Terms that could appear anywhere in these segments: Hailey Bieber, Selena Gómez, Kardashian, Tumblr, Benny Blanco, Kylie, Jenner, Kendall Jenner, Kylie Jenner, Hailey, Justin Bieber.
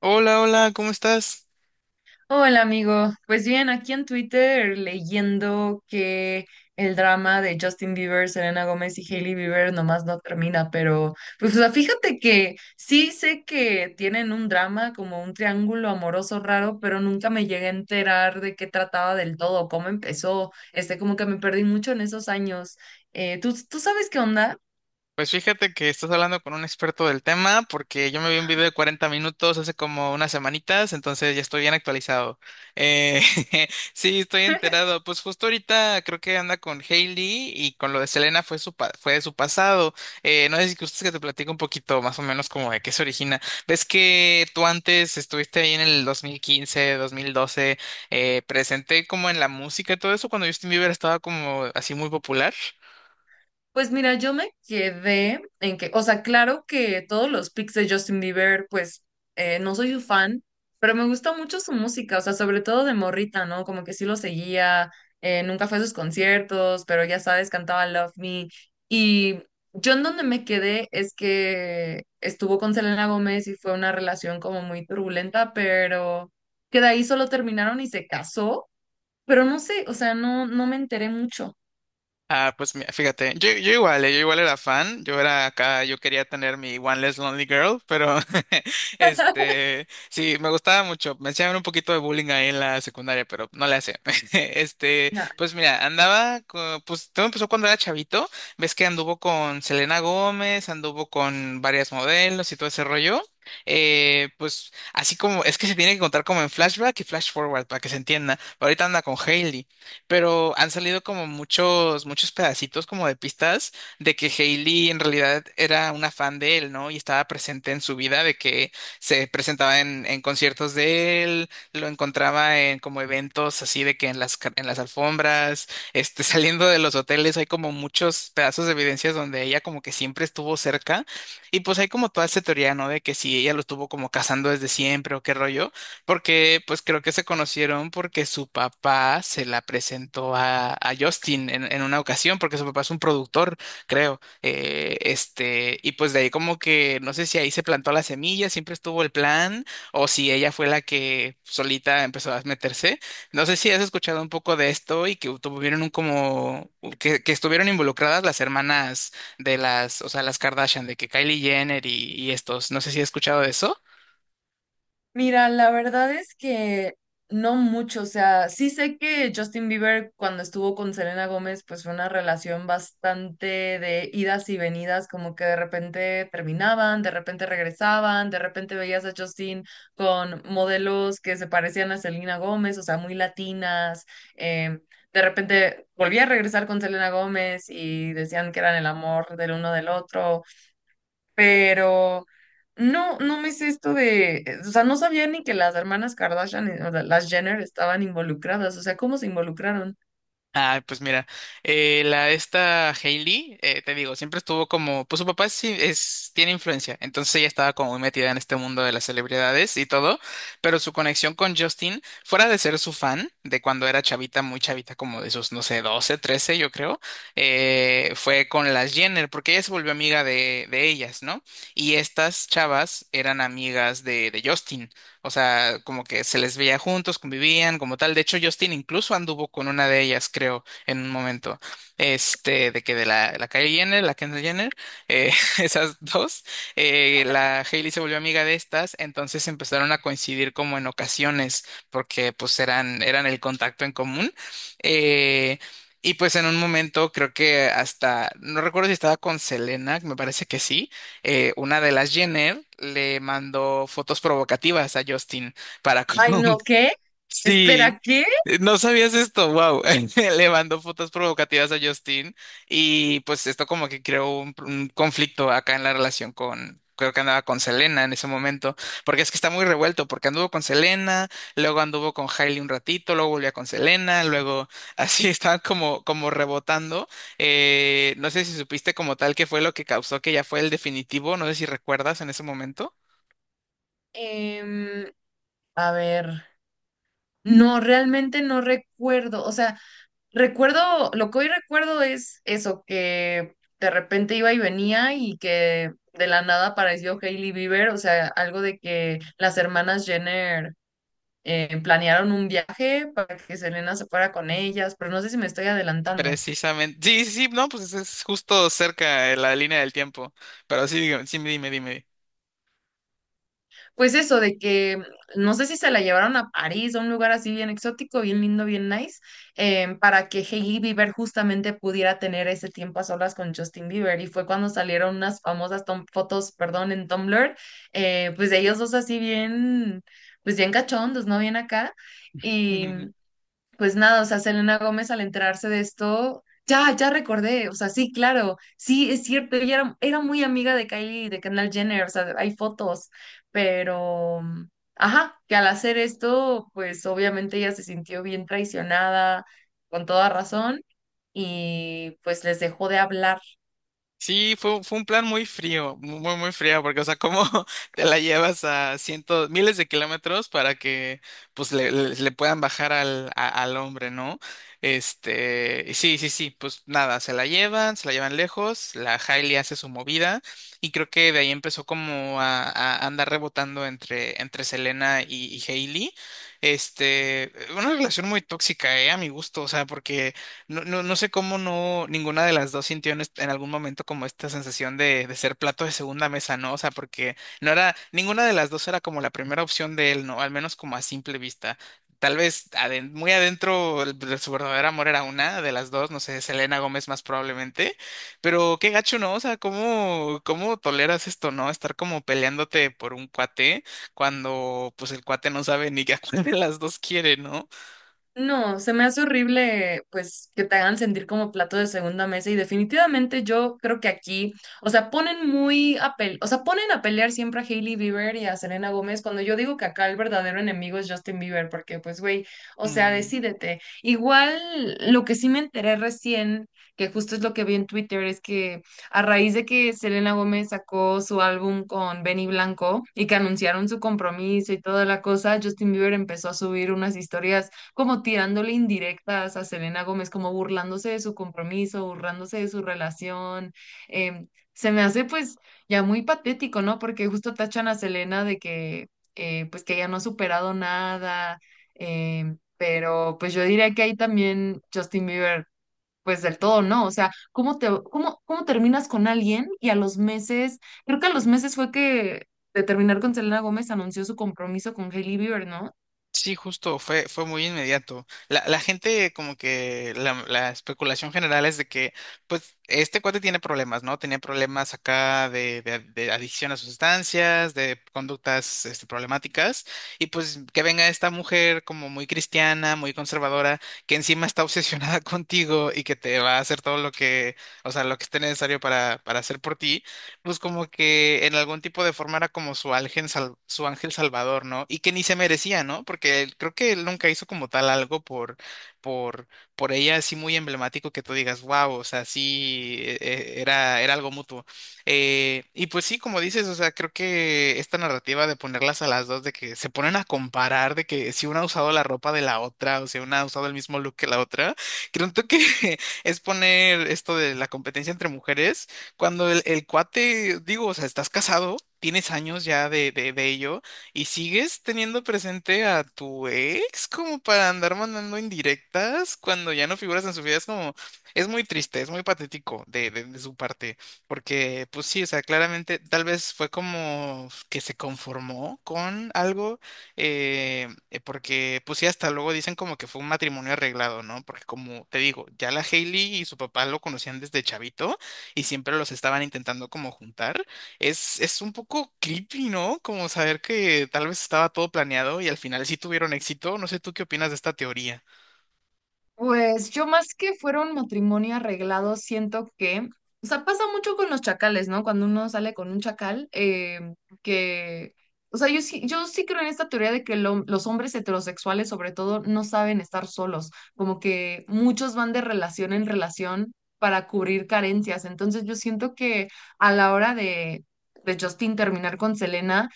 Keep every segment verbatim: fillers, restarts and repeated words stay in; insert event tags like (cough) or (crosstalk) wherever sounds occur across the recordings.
Hola, hola, ¿cómo estás? Hola amigo, pues bien, aquí en Twitter leyendo que el drama de Justin Bieber, Selena Gómez y Hailey Bieber nomás no termina, pero pues o sea, fíjate que sí sé que tienen un drama como un triángulo amoroso raro, pero nunca me llegué a enterar de qué trataba del todo, cómo empezó, este como que me perdí mucho en esos años. Eh, ¿tú, tú sabes qué onda? Pues fíjate que estás hablando con un experto del tema porque yo me vi un video de cuarenta minutos hace como unas semanitas, entonces ya estoy bien actualizado. Eh, (laughs) sí, estoy enterado. Pues justo ahorita creo que anda con Hailey y con lo de Selena fue su pa- fue de su pasado. Eh, no sé si gustas que te platico un poquito más o menos como de qué se origina. Ves que tú antes estuviste ahí en el dos mil quince, dos mil doce, eh, presente como en la música y todo eso cuando Justin Bieber estaba como así muy popular. Pues mira, yo me quedé en que, o sea, claro que todos los pics de Justin Bieber, pues eh, no soy su fan, pero me gusta mucho su música, o sea, sobre todo de morrita, ¿no? Como que sí lo seguía, eh, nunca fue a sus conciertos, pero ya sabes, cantaba Love Me. Y yo en donde me quedé es que estuvo con Selena Gómez y fue una relación como muy turbulenta, pero que de ahí solo terminaron y se casó, pero no sé, o sea, no, no me enteré mucho. Ah, pues mira, fíjate, yo, yo igual, eh, yo igual era fan, yo era acá, yo quería tener mi One Less Lonely Girl, pero (laughs) (laughs) este, sí, me gustaba mucho, me hacían un poquito de bullying ahí en la secundaria, pero no le hacía. (laughs) Este, pues mira, andaba, co- pues todo empezó cuando era chavito, ves que anduvo con Selena Gómez, anduvo con varias modelos y todo ese rollo. Eh, pues así como es que se tiene que contar como en flashback y flash forward para que se entienda. Ahorita anda con Hailey pero han salido como muchos, muchos pedacitos como de pistas de que Hailey en realidad era una fan de él, ¿no? Y estaba presente en su vida, de que se presentaba en, en conciertos de él, lo encontraba en como eventos así de que en las, ca- en las alfombras, este, (laughs) saliendo de los hoteles, hay como muchos pedazos de evidencias donde ella como que siempre estuvo cerca. Y pues hay como toda esta teoría, ¿no? De que si ella lo estuvo como cazando desde siempre o qué rollo. Porque pues creo que se conocieron porque su papá se la presentó a, a Justin en, en una ocasión, porque su papá es un productor, creo. Eh, este, y pues de ahí como que no sé si ahí se plantó la semilla, siempre estuvo el plan, o si ella fue la que solita empezó a meterse. No sé si has escuchado un poco de esto y que tuvieron un como que, que estuvieron involucradas las hermanas de las, o sea, las Kardashian, de que Kylie Jenner y, y estos. No sé si has escuchado de eso. Mira, la verdad es que no mucho, o sea, sí sé que Justin Bieber cuando estuvo con Selena Gómez, pues fue una relación bastante de idas y venidas, como que de repente terminaban, de repente regresaban, de repente veías a Justin con modelos que se parecían a Selena Gómez, o sea, muy latinas, eh, de repente volvía a regresar con Selena Gómez y decían que eran el amor del uno del otro pero no, no me sé esto de, eh, o sea, no sabía ni que las hermanas Kardashian, eh, o sea, las Jenner estaban involucradas, o sea, ¿cómo se involucraron? Ah, pues mira, eh, la esta Hailey, eh, te digo, siempre estuvo como, pues su papá sí es, tiene influencia, entonces ella estaba como muy metida en este mundo de las celebridades y todo, pero su conexión con Justin, fuera de ser su fan, de cuando era chavita, muy chavita, como de sus, no sé, doce trece yo creo, eh, fue con las Jenner, porque ella se volvió amiga de, de ellas, ¿no? Y estas chavas eran amigas de, de Justin. O sea, como que se les veía juntos, convivían, como tal. De hecho, Justin incluso anduvo con una de ellas, creo, en un momento. Este, de que de la, la Kylie Jenner, la Kendall Jenner, eh, (laughs) esas dos, eh, la Hailey se volvió amiga de estas, entonces empezaron a coincidir como en ocasiones, porque pues eran, eran el contacto en común. Eh, y pues en un momento creo que hasta, no recuerdo si estaba con Selena, me parece que sí. Eh, una de las Jenner le mandó fotos provocativas a Justin para, (laughs) Ay, como. no, ¿qué? Sí, Espera, ¿qué? eh, no sabías esto, wow. (laughs) Le mandó fotos provocativas a Justin y pues esto como que creó un, un conflicto acá en la relación con, creo que andaba con Selena en ese momento, porque es que está muy revuelto, porque anduvo con Selena, luego anduvo con Hailey un ratito, luego volvió con Selena, luego así (laughs) estaban como, como rebotando. Eh, no sé si supiste como tal qué fue lo que causó que ya fue el definitivo, no sé si recuerdas en ese momento. Em, a ver, no, realmente no recuerdo, o sea, recuerdo, lo que hoy recuerdo es eso, que de repente iba y venía y que de la nada apareció Hailey Bieber, o sea, algo de que las hermanas Jenner eh, planearon un viaje para que Selena se fuera con ellas, pero no sé si me estoy adelantando. Precisamente. Sí, sí, sí, no, pues es justo cerca de la línea del tiempo. Pero sí, dígame, sí, dime, dime. Pues eso, de que no sé si se la llevaron a París, a un lugar así bien exótico, bien lindo, bien nice, eh, para que Hailey Bieber justamente pudiera tener ese tiempo a solas con Justin Bieber. Y fue cuando salieron unas famosas tom- fotos, perdón, en Tumblr, eh, pues de ellos dos así bien, pues bien cachondos, ¿no? Bien acá. y (laughs) Pues nada, o sea, Selena Gómez al enterarse de esto, ya, ya recordé, o sea, sí, claro, sí, es cierto, ella era, era muy amiga de Kylie, y de Kendall Jenner, o sea, hay fotos, pero, ajá, que al hacer esto, pues obviamente ella se sintió bien traicionada, con toda razón, y pues les dejó de hablar. Sí, fue, fue un plan muy frío, muy, muy frío, porque, o sea, ¿cómo (laughs) te la llevas a cientos, miles de kilómetros para que, pues, le, le- le puedan bajar al, a- al hombre, ¿no? Este, y sí, sí, sí, pues nada, se la llevan, se la llevan lejos, la Hailey hace su movida, y creo que de ahí empezó como a, a andar rebotando entre, entre Selena y, y Hailey. Este, una relación muy tóxica, eh, a mi gusto, o sea, porque no, no, no sé cómo no ninguna de las dos sintió en, est- en algún momento como esta sensación de, de ser plato de segunda mesa, ¿no? O sea, porque no era, ninguna de las dos era como la primera opción de él, ¿no? Al menos como a simple vista. Tal vez aden- muy adentro el- de su verdadero amor era una de las dos, no sé, Selena Gómez más probablemente, pero qué gacho, ¿no? O sea, ¿cómo, ¿cómo toleras esto, ¿no? Estar como peleándote por un cuate cuando pues el cuate no sabe ni a cuál de las dos quiere, ¿no? No, se me hace horrible, pues, que te hagan sentir como plato de segunda mesa y definitivamente yo creo que aquí, o sea, ponen muy a pel- o sea, ponen a pelear siempre a Hailey Bieber y a Selena Gómez cuando yo digo que acá el verdadero enemigo es Justin Bieber, porque pues, güey, o sea, Mm. decídete. Igual, lo que sí me enteré recién, que justo es lo que vi en Twitter, es que a raíz de que Selena Gómez sacó su álbum con Benny Blanco y que anunciaron su compromiso y toda la cosa, Justin Bieber empezó a subir unas historias como tirándole indirectas a Selena Gómez, como burlándose de su compromiso, burlándose de su relación. em, se me hace pues ya muy patético, ¿no? Porque justo tachan a Selena de que eh, pues que ella no ha superado nada, em, pero pues yo diría que ahí también Justin Bieber pues del todo no, o sea, ¿cómo te, cómo, cómo terminas con alguien y a los meses, creo que a los meses fue que de terminar con Selena Gómez anunció su compromiso con Hailey Bieber, ¿no? Sí, justo, fue, fue muy inmediato. La, la gente, como que la, la especulación general es de que, pues, este cuate tiene problemas, ¿no? Tenía problemas acá de, de- de adicción a sustancias, de conductas, este, problemáticas, y pues que venga esta mujer como muy cristiana, muy conservadora, que encima está obsesionada (laughs) contigo y que te va a hacer todo lo que, o sea, lo que esté necesario para, para hacer por ti pues como que en algún tipo de forma era como su ángel, sal- su ángel salvador, ¿no? Y que ni se merecía, ¿no? Porque él- creo que él nunca hizo como tal algo por, por, por ella así muy emblemático que tú digas, wow, o sea, sí, e- e- era, era algo mutuo. Eh, y pues sí, como dices, o sea, creo que esta narrativa de ponerlas a las dos, de que se ponen a comparar, de que si una ha usado la ropa de la otra, o si una ha usado el mismo look que la otra, creo que (laughs) es poner esto de la competencia entre mujeres cuando el, el cuate, digo, o sea, estás casado, tienes años ya de, de, de ello y sigues teniendo presente a tu ex como para andar mandando indirectas cuando ya no figuras en su vida. Es como, es muy triste, es muy patético de, de, de su parte, porque pues sí, o sea, claramente tal vez fue como que se conformó con algo, eh, eh, porque pues sí, hasta luego dicen como que fue un matrimonio arreglado, ¿no? Porque como te digo, ya la Hailey y su papá lo conocían desde chavito y siempre los estaban intentando como juntar. Es, es un poco creepy, ¿no? Como saber que tal vez estaba todo planeado y al final sí tuvieron éxito. No sé tú qué opinas de esta teoría. Pues yo más que fuera un matrimonio arreglado, siento que, o sea, pasa mucho con los chacales, ¿no? Cuando uno sale con un chacal, eh, que, o sea, yo sí, yo sí creo en esta teoría de que lo- los hombres heterosexuales, sobre todo, no saben estar solos, como que muchos van de relación en relación para cubrir carencias. Entonces yo siento que a la hora de, de Justin terminar con Selena,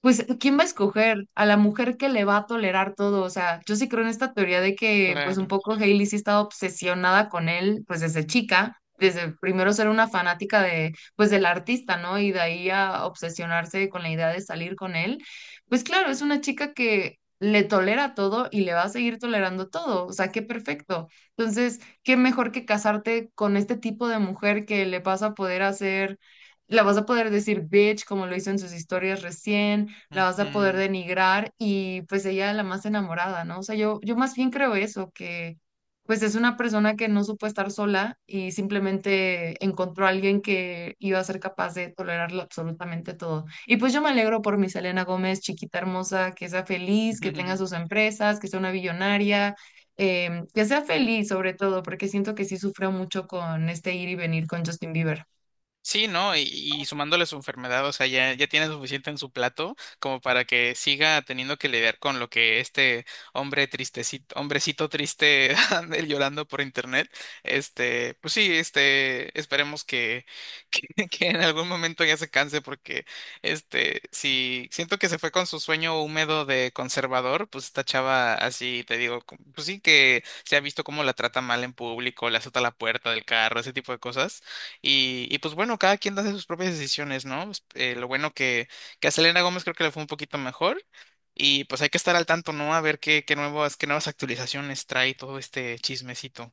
pues, ¿quién va a escoger? A la mujer que le va a tolerar todo. O sea, yo sí creo en esta teoría de que, pues, un Claro. poco Hailey sí estaba obsesionada con él, pues, desde chica, desde primero ser una fanática de, pues, del artista, ¿no? Y de ahí a obsesionarse con la idea de salir con él. Pues, claro, es una chica que le tolera todo y le va a seguir tolerando todo. O sea, qué perfecto. Entonces, qué mejor que casarte con este tipo de mujer que le vas a poder hacer, la vas a poder decir bitch, como lo hizo en sus historias recién, la vas a poder Ujú. denigrar y pues ella la más enamorada, ¿no? O sea, yo, yo más bien creo eso, que pues es una persona que no supo estar sola y simplemente encontró a alguien que iba a ser capaz de tolerarlo absolutamente todo. Y pues yo me alegro por mi Selena Gómez, chiquita hermosa, que sea feliz, que tenga sus (laughs) empresas, que sea una billonaria. em, que sea feliz sobre todo, porque siento que sí sufrió mucho con este ir y venir con Justin Bieber. Sí, ¿no? Y, y sumándole su enfermedad, o sea, ya, ya tiene suficiente en su plato como para que siga teniendo que lidiar con lo que este hombre tristecito, hombrecito triste (laughs) anda llorando por internet. Este, pues sí, este, esperemos que, que, (laughs) que en algún momento ya se canse porque, este, si siento que se fue con su sueño húmedo de conservador, pues esta chava así, te digo, com- pues sí que se ha visto cómo la trata mal en público, le azota la puerta del carro, ese tipo de cosas. Y, y pues bueno, cada quien hace sus propias decisiones, ¿no? Pues, eh, lo bueno que, que a Selena Gómez creo que le fue un poquito mejor. Y pues hay que estar al tanto, ¿no? A ver qué, qué nuevas, qué nuevas actualizaciones trae todo este chismecito.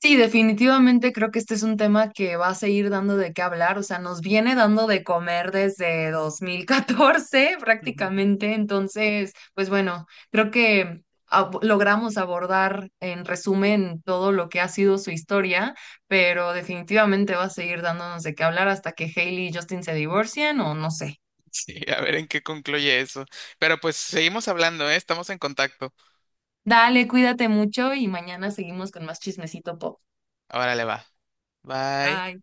Sí, definitivamente creo que este es un tema que va a seguir dando de qué hablar, o sea, nos viene dando de comer desde dos mil catorce (laughs) Ujú. (laughs) prácticamente, entonces, pues bueno, creo que ab- logramos abordar en resumen todo lo que ha sido su historia, pero definitivamente va a seguir dándonos de qué hablar hasta que Hailey y Justin se divorcien o no sé. Sí, a ver en qué concluye eso. Pero pues seguimos hablando, ¿eh? Estamos en contacto. Dale, cuídate mucho y mañana seguimos con más chismecito pop. Ahora le va. Bye. Bye.